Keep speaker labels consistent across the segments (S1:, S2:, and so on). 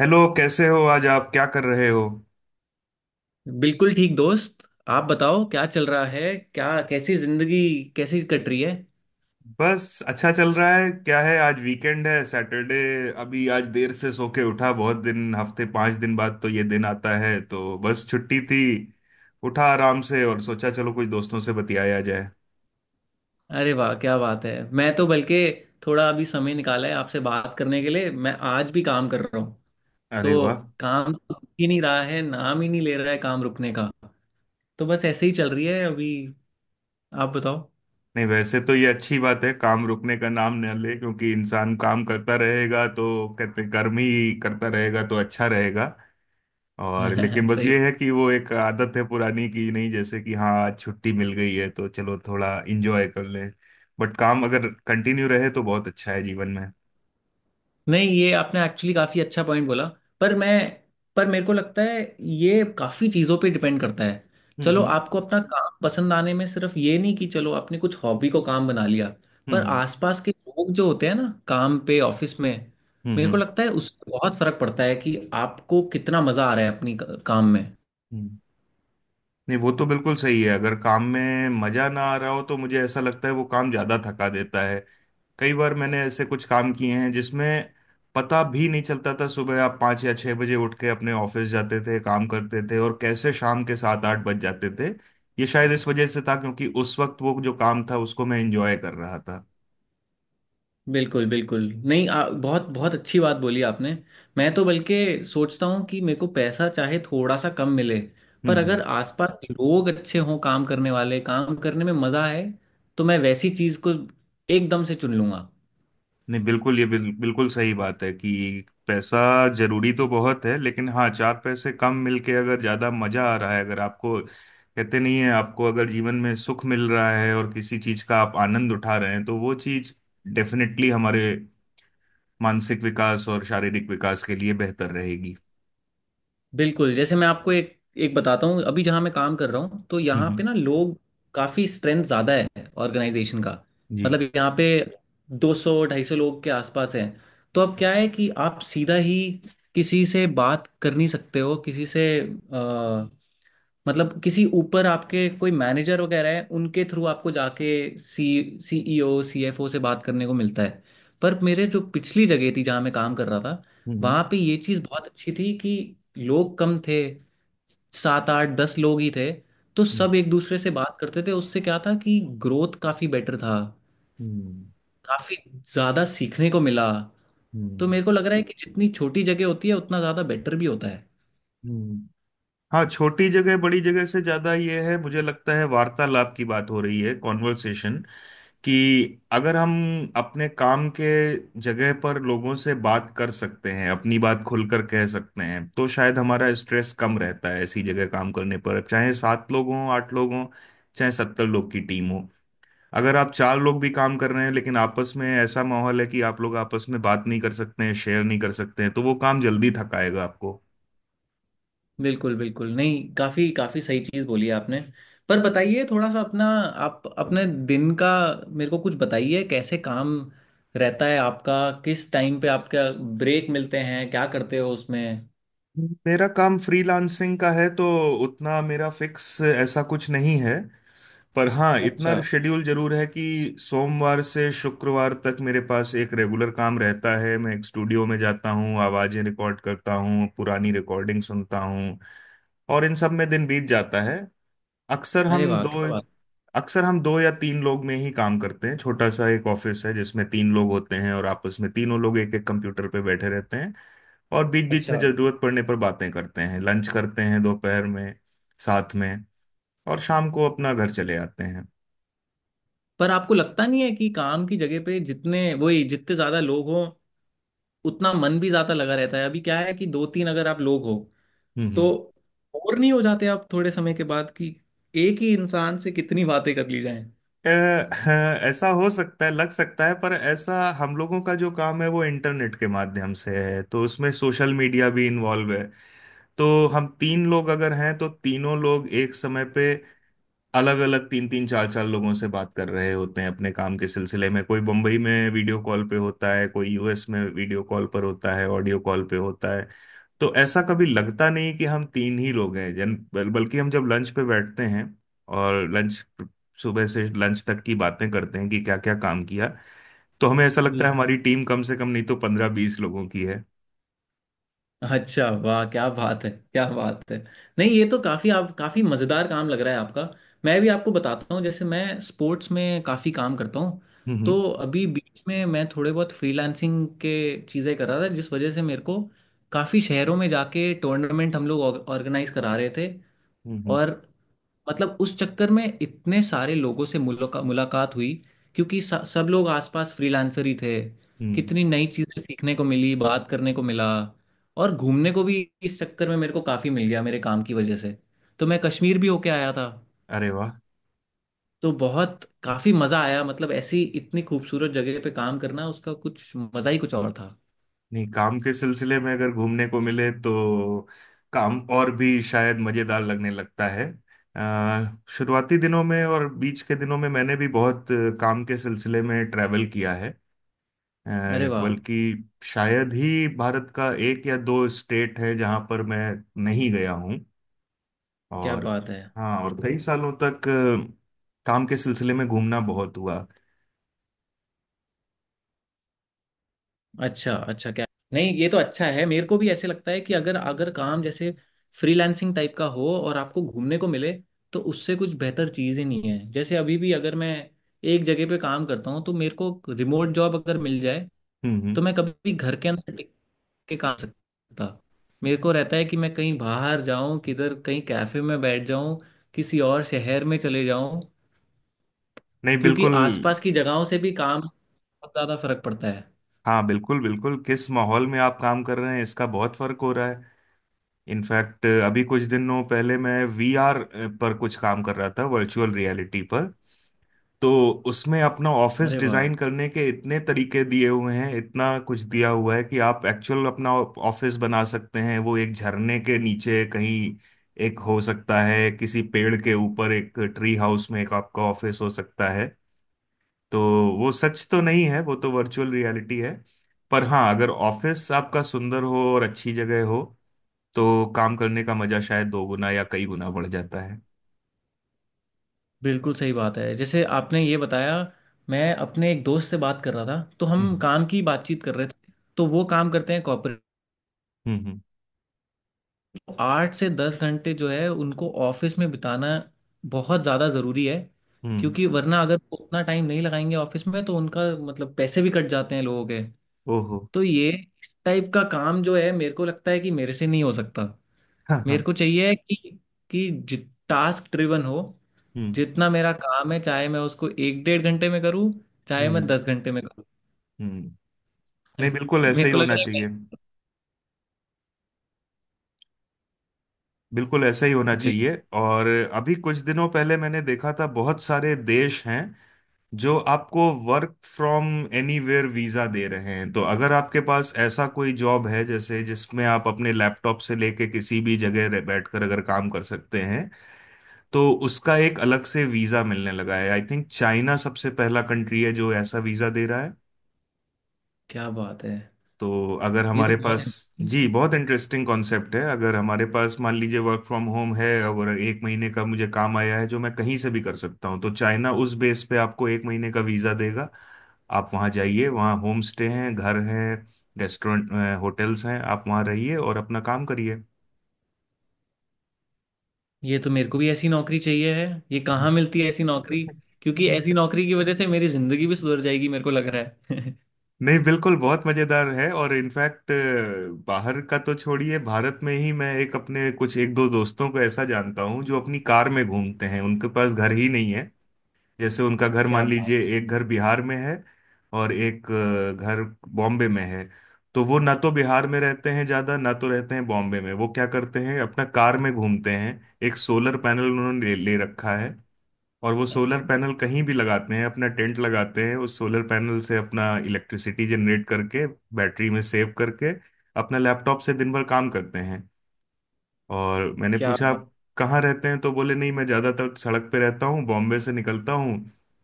S1: Hello, कैसे हो? आज आप क्या कर रहे हो?
S2: बिल्कुल ठीक दोस्त। आप बताओ क्या चल रहा है। क्या कैसी जिंदगी, कैसी कट रही है।
S1: बस अच्छा चल रहा है। क्या है, आज वीकेंड है, सैटरडे। अभी आज देर से सो के उठा। बहुत दिन, हफ्ते 5 दिन बाद तो ये दिन आता है, तो बस छुट्टी थी। उठा आराम से और सोचा चलो कुछ दोस्तों से बतियाया जाए।
S2: अरे वाह, क्या बात है। मैं तो बल्कि थोड़ा अभी समय निकाला है आपसे बात करने के लिए, मैं आज भी काम कर रहा हूँ।
S1: अरे
S2: तो
S1: वाह!
S2: काम तो रुक ही नहीं रहा है, नाम ही नहीं ले रहा है काम रुकने का। तो बस ऐसे ही चल रही है अभी। आप बताओ।
S1: नहीं, वैसे तो ये अच्छी बात है, काम रुकने का नाम न ले, क्योंकि इंसान काम करता रहेगा तो कहते कर्म ही करता रहेगा तो अच्छा रहेगा। और लेकिन बस
S2: सही।
S1: ये है कि वो एक आदत है पुरानी की, नहीं जैसे कि हाँ, आज छुट्टी मिल गई है तो चलो थोड़ा इंजॉय कर लें। बट काम अगर कंटिन्यू रहे तो बहुत अच्छा है जीवन में।
S2: नहीं, ये आपने एक्चुअली काफी अच्छा पॉइंट बोला। पर मैं पर मेरे को लगता है ये काफी चीजों पे डिपेंड करता है।
S1: हम्म,
S2: चलो,
S1: हम्म,
S2: आपको अपना काम पसंद आने में सिर्फ ये नहीं कि चलो आपने कुछ हॉबी को काम बना लिया, पर
S1: हम्म,
S2: आसपास के लोग जो होते हैं ना काम पे ऑफिस में,
S1: हम्म,
S2: मेरे को
S1: हम्म,
S2: लगता है उससे बहुत फर्क पड़ता है कि आपको कितना मजा आ रहा है अपनी काम में।
S1: हम्म। नहीं, वो तो बिल्कुल सही है। अगर काम में मजा ना आ रहा हो तो मुझे ऐसा लगता है वो काम ज्यादा थका देता है। कई बार मैंने ऐसे कुछ काम किए हैं जिसमें पता भी नहीं चलता था। सुबह आप 5 या 6 बजे उठ के अपने ऑफिस जाते थे, काम करते थे, और कैसे शाम के 7 8 बज जाते थे। ये शायद इस वजह से था क्योंकि उस वक्त वो जो काम था उसको मैं एंजॉय कर रहा था।
S2: बिल्कुल बिल्कुल। नहीं, बहुत बहुत अच्छी बात बोली आपने। मैं तो बल्कि सोचता हूँ कि मेरे को पैसा चाहे थोड़ा सा कम मिले, पर अगर
S1: हम्म।
S2: आसपास लोग अच्छे हों, काम करने वाले, काम करने में मज़ा है, तो मैं वैसी चीज़ को एकदम से चुन लूंगा।
S1: नहीं बिल्कुल ये बिल्कुल सही बात है कि पैसा जरूरी तो बहुत है, लेकिन हाँ, चार पैसे कम मिलके अगर ज्यादा मजा आ रहा है, अगर आपको कहते नहीं है, आपको अगर जीवन में सुख मिल रहा है और किसी चीज का आप आनंद उठा रहे हैं तो वो चीज डेफिनेटली हमारे मानसिक विकास और शारीरिक विकास के लिए बेहतर रहेगी।
S2: बिल्कुल, जैसे मैं आपको एक एक बताता हूँ। अभी जहाँ मैं काम कर रहा हूँ, तो
S1: हम्म,
S2: यहाँ पे ना लोग, काफ़ी स्ट्रेंथ ज़्यादा है ऑर्गेनाइजेशन का।
S1: जी,
S2: मतलब यहाँ पे 200 250 लोग के आसपास हैं। तो अब क्या है कि आप सीधा ही किसी से बात कर नहीं सकते हो, किसी से मतलब किसी ऊपर आपके कोई मैनेजर वगैरह है, उनके थ्रू आपको जाके सी सीईओ सीएफओ से बात करने को मिलता है। पर मेरे जो पिछली जगह थी जहाँ मैं काम कर रहा था,
S1: हम्म,
S2: वहां पे ये चीज बहुत अच्छी थी कि लोग कम थे, सात आठ दस लोग ही थे। तो
S1: हम्म,
S2: सब एक दूसरे से बात करते थे, उससे क्या था कि ग्रोथ काफी बेटर था,
S1: हम्म,
S2: काफी ज्यादा सीखने को मिला।
S1: हम्म,
S2: तो मेरे को लग रहा है कि जितनी छोटी जगह होती है, उतना ज्यादा बेटर भी होता है।
S1: हम्म। हाँ, छोटी जगह बड़ी जगह से ज्यादा ये है, मुझे लगता है वार्तालाप की बात हो रही है, कॉन्वर्सेशन। कि अगर हम अपने काम के जगह पर लोगों से बात कर सकते हैं, अपनी बात खुलकर कह सकते हैं, तो शायद हमारा स्ट्रेस कम रहता है ऐसी जगह काम करने पर। चाहे सात लोग हों, आठ लोग हों, चाहे 70 लोग की टीम हो, अगर आप चार लोग भी काम कर रहे हैं लेकिन आपस में ऐसा माहौल है कि आप लोग आपस में बात नहीं कर सकते हैं, शेयर नहीं कर सकते हैं, तो वो काम जल्दी थकाएगा आपको।
S2: बिल्कुल बिल्कुल। नहीं, काफी काफी सही चीज बोली आपने। पर बताइए थोड़ा सा अपना, आप अपने दिन का मेरे को कुछ बताइए, कैसे काम रहता है आपका, किस टाइम पे आपका ब्रेक मिलते हैं, क्या करते हो उसमें।
S1: मेरा काम फ्रीलांसिंग का है तो उतना मेरा फिक्स ऐसा कुछ नहीं है। पर हाँ, इतना
S2: अच्छा।
S1: शेड्यूल जरूर है कि सोमवार से शुक्रवार तक मेरे पास एक रेगुलर काम रहता है। मैं एक स्टूडियो में जाता हूँ, आवाजें रिकॉर्ड करता हूँ, पुरानी रिकॉर्डिंग सुनता हूँ, और इन सब में दिन बीत जाता है। अक्सर हम
S2: अरे वाह,
S1: दो
S2: क्या बात।
S1: अक्सर हम दो या तीन लोग में ही काम करते हैं। छोटा सा एक ऑफिस है जिसमें तीन लोग होते हैं, और आपस में तीनों लोग एक एक कंप्यूटर पे बैठे रहते हैं। और बीच बीच
S2: अच्छा।
S1: में जरूरत पड़ने पर बातें करते हैं, लंच करते हैं दोपहर में, साथ में। और शाम को अपना घर चले आते हैं।
S2: पर आपको लगता नहीं है कि काम की जगह पे जितने वही, जितने ज्यादा लोग हो, उतना मन भी ज्यादा लगा रहता है। अभी क्या है कि दो तीन अगर आप लोग हो,
S1: हम्म,
S2: तो बोर नहीं हो जाते आप थोड़े समय के बाद कि एक ही इंसान से कितनी बातें कर ली जाएं।
S1: अ, हाँ, ऐसा हो सकता है, लग सकता है, पर ऐसा हम लोगों का जो काम है वो इंटरनेट के माध्यम से है, तो उसमें सोशल मीडिया भी इन्वॉल्व है। तो हम तीन लोग अगर हैं तो तीनों लोग एक समय पे अलग अलग तीन तीन चार चार लोगों से बात कर रहे होते हैं अपने काम के सिलसिले में। कोई बम्बई में वीडियो कॉल पे होता है, कोई यूएस में वीडियो कॉल पर होता है, ऑडियो कॉल पे होता है। तो ऐसा कभी लगता नहीं कि हम तीन ही लोग हैं, बल्कि हम जब लंच पे बैठते हैं और लंच सुबह से लंच तक की बातें करते हैं कि क्या क्या काम किया, तो हमें ऐसा लगता है
S2: जी।
S1: हमारी टीम कम से कम नहीं तो 15-20 लोगों की है।
S2: अच्छा, वाह क्या बात है, क्या बात है। नहीं, ये तो काफ़ी, आप काफ़ी मज़ेदार काम लग रहा है आपका। मैं भी आपको बताता हूँ, जैसे मैं स्पोर्ट्स में काफ़ी काम करता हूँ।
S1: हम्म,
S2: तो अभी बीच में मैं थोड़े बहुत फ्रीलांसिंग के चीज़ें कर रहा था, जिस वजह से मेरे को काफ़ी शहरों में जाके टूर्नामेंट हम लोग ऑर्गेनाइज करा रहे थे।
S1: हम्म, हम्म,
S2: और मतलब उस चक्कर में इतने सारे लोगों से मुलाकात हुई, क्योंकि सब लोग आसपास फ्रीलांसर ही थे।
S1: हम्म।
S2: कितनी नई चीजें सीखने को मिली, बात करने को मिला। और घूमने को भी इस चक्कर में मेरे को काफी मिल गया मेरे काम की वजह से। तो मैं कश्मीर भी होके आया था।
S1: अरे!
S2: तो बहुत काफी मजा आया, मतलब ऐसी इतनी खूबसूरत जगह पे काम करना, उसका कुछ मजा ही कुछ और था।
S1: नहीं, काम के सिलसिले में अगर घूमने को मिले तो काम और भी शायद मज़ेदार लगने लगता है। शुरुआती दिनों में और बीच के दिनों में मैंने भी बहुत काम के सिलसिले में ट्रैवल किया है।
S2: अरे
S1: अ,
S2: वाह,
S1: बल्कि शायद ही भारत का एक या दो स्टेट है जहां पर मैं नहीं गया हूं।
S2: क्या
S1: और
S2: बात है।
S1: हाँ, और कई सालों तक काम के सिलसिले में घूमना बहुत हुआ।
S2: अच्छा अच्छा, क्या, नहीं ये तो अच्छा है। मेरे को भी ऐसे लगता है कि अगर अगर काम जैसे फ्रीलांसिंग टाइप का हो और आपको घूमने को मिले, तो उससे कुछ बेहतर चीज़ ही नहीं है। जैसे अभी भी अगर मैं एक जगह पे काम करता हूँ, तो मेरे को रिमोट जॉब अगर मिल जाए,
S1: हम्म,
S2: तो मैं कभी भी घर के अंदर टिक के काम नहीं सकता। मेरे को रहता है कि मैं कहीं बाहर जाऊं, किधर कहीं कैफे में बैठ जाऊं, किसी और शहर में चले जाऊं।
S1: नहीं
S2: क्योंकि
S1: बिल्कुल।
S2: आसपास की जगहों से भी काम बहुत ज़्यादा फर्क पड़ता है।
S1: हाँ, बिल्कुल बिल्कुल, किस माहौल में आप काम कर रहे हैं इसका बहुत फर्क हो रहा है। इनफैक्ट अभी कुछ दिनों पहले मैं वीआर पर कुछ काम कर रहा था, वर्चुअल रियलिटी पर। तो उसमें अपना ऑफिस
S2: अरे वाह।
S1: डिजाइन करने के इतने तरीके दिए हुए हैं, इतना कुछ दिया हुआ है कि आप एक्चुअल अपना ऑफिस बना सकते हैं। वो एक झरने के नीचे कहीं एक हो सकता है, किसी पेड़ के ऊपर एक ट्री हाउस में एक आपका ऑफिस हो सकता है। तो वो सच तो नहीं है, वो तो वर्चुअल रियलिटी है, पर हाँ, अगर ऑफिस आपका सुंदर हो और अच्छी जगह हो तो काम करने का मजा शायद दो गुना या कई गुना बढ़ जाता है।
S2: बिल्कुल सही बात है, जैसे आपने ये बताया। मैं अपने एक दोस्त से बात कर रहा था, तो हम
S1: हम्म,
S2: काम की बातचीत कर रहे थे। तो वो काम करते हैं कॉर्पोरेट।
S1: हम्म, हम्म,
S2: आठ से दस घंटे जो है उनको ऑफिस में बिताना बहुत ज़्यादा ज़रूरी है,
S1: हम्म,
S2: क्योंकि वरना अगर वो उतना टाइम नहीं लगाएंगे ऑफिस में तो उनका, मतलब पैसे भी कट जाते हैं लोगों के।
S1: ओहो,
S2: तो ये, इस टाइप का काम जो है मेरे को लगता है कि मेरे से नहीं हो सकता।
S1: हाँ
S2: मेरे
S1: हाँ,
S2: को चाहिए कि टास्क ड्रिवन हो।
S1: हम्म,
S2: जितना मेरा काम है, चाहे मैं उसको एक डेढ़ घंटे में करूँ, चाहे मैं
S1: हम्म,
S2: दस घंटे में करूँ।
S1: हम्म। नहीं, बिल्कुल ऐसा
S2: मेरे
S1: ही
S2: को लग
S1: होना
S2: रहा है मैं।
S1: चाहिए। बिल्कुल ऐसा ही होना
S2: जी।
S1: चाहिए। और अभी कुछ दिनों पहले मैंने देखा था बहुत सारे देश हैं जो आपको वर्क फ्रॉम एनीवेयर वीजा दे रहे हैं। तो अगर आपके पास ऐसा कोई जॉब है जैसे जिसमें आप अपने लैपटॉप से लेके किसी भी जगह रह- बैठकर अगर काम कर सकते हैं तो उसका एक अलग से वीजा मिलने लगा है। आई थिंक चाइना सबसे पहला कंट्री है जो ऐसा वीजा दे रहा है।
S2: क्या बात है,
S1: तो अगर
S2: ये तो
S1: हमारे
S2: बहुत
S1: पास,
S2: है।
S1: जी, बहुत इंटरेस्टिंग कॉन्सेप्ट है। अगर हमारे पास मान लीजिए वर्क फ्रॉम होम है और एक महीने का मुझे काम आया है जो मैं कहीं से भी कर सकता हूँ, तो चाइना उस बेस पे आपको एक महीने का वीजा देगा। आप वहाँ जाइए, वहाँ होम स्टे हैं, घर हैं, रेस्टोरेंट, होटल्स हैं, आप वहाँ रहिए और अपना काम करिए।
S2: ये तो मेरे को भी ऐसी नौकरी चाहिए है। ये कहाँ मिलती है ऐसी नौकरी, क्योंकि ऐसी नौकरी की वजह से मेरी जिंदगी भी सुधर जाएगी मेरे को लग रहा है।
S1: नहीं, बिल्कुल बहुत मजेदार है। और इनफैक्ट बाहर का तो छोड़िए, भारत में ही मैं एक अपने कुछ एक दो दोस्तों को ऐसा जानता हूँ जो अपनी कार में घूमते हैं, उनके पास घर ही नहीं है। जैसे उनका घर
S2: क्या
S1: मान
S2: बात
S1: लीजिए एक घर बिहार में है, और एक घर बॉम्बे में है। तो वो ना तो बिहार में रहते हैं ज्यादा, ना तो रहते हैं बॉम्बे में। वो क्या करते हैं, अपना कार में घूमते हैं। एक सोलर पैनल उन्होंने ले रखा है, और वो सोलर
S2: है,
S1: पैनल कहीं भी लगाते हैं, अपना टेंट लगाते हैं, उस सोलर पैनल से अपना इलेक्ट्रिसिटी जनरेट करके बैटरी में सेव करके अपना लैपटॉप से दिन भर काम करते हैं। और मैंने
S2: क्या
S1: पूछा
S2: बात।
S1: आप कहाँ रहते हैं, तो बोले नहीं, मैं ज़्यादातर सड़क पे रहता हूँ, बॉम्बे से निकलता हूँ,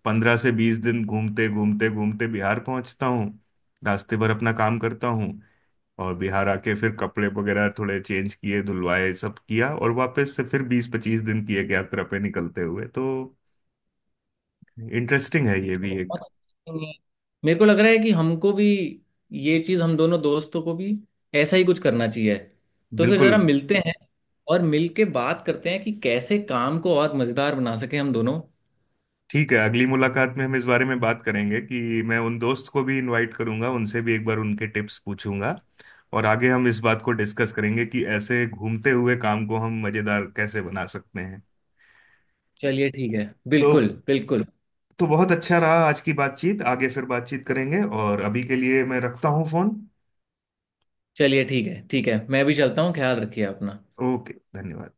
S1: 15 से 20 दिन घूमते घूमते घूमते बिहार पहुँचता हूँ, रास्ते भर अपना काम करता हूँ। और बिहार आके फिर कपड़े वगैरह थोड़े चेंज किए, धुलवाए, सब किया, और वापस से फिर 20-25 दिन की एक यात्रा पे निकलते हुए, तो इंटरेस्टिंग है
S2: ठीक
S1: ये
S2: है,
S1: भी एक।
S2: बहुत अच्छी चीज़ है। मेरे को लग रहा है कि हमको भी ये चीज़, हम दोनों दोस्तों को भी ऐसा ही कुछ करना चाहिए। तो फिर
S1: बिल्कुल,
S2: ज़रा मिलते हैं और मिल के बात करते हैं कि कैसे काम को और मज़ेदार बना सके हम दोनों।
S1: ठीक है, अगली मुलाकात में हम इस बारे में बात करेंगे कि मैं उन दोस्त को भी इनवाइट करूंगा, उनसे भी एक बार उनके टिप्स पूछूंगा, और आगे हम इस बात को डिस्कस करेंगे कि ऐसे घूमते हुए काम को हम मजेदार कैसे बना सकते हैं।
S2: चलिए ठीक है,
S1: तो
S2: बिल्कुल बिल्कुल।
S1: तो बहुत अच्छा रहा आज की बातचीत, आगे फिर बातचीत करेंगे और अभी के लिए मैं रखता हूँ फोन।
S2: चलिए ठीक है, ठीक है, मैं भी चलता हूँ, ख्याल रखिए अपना।
S1: ओके, धन्यवाद।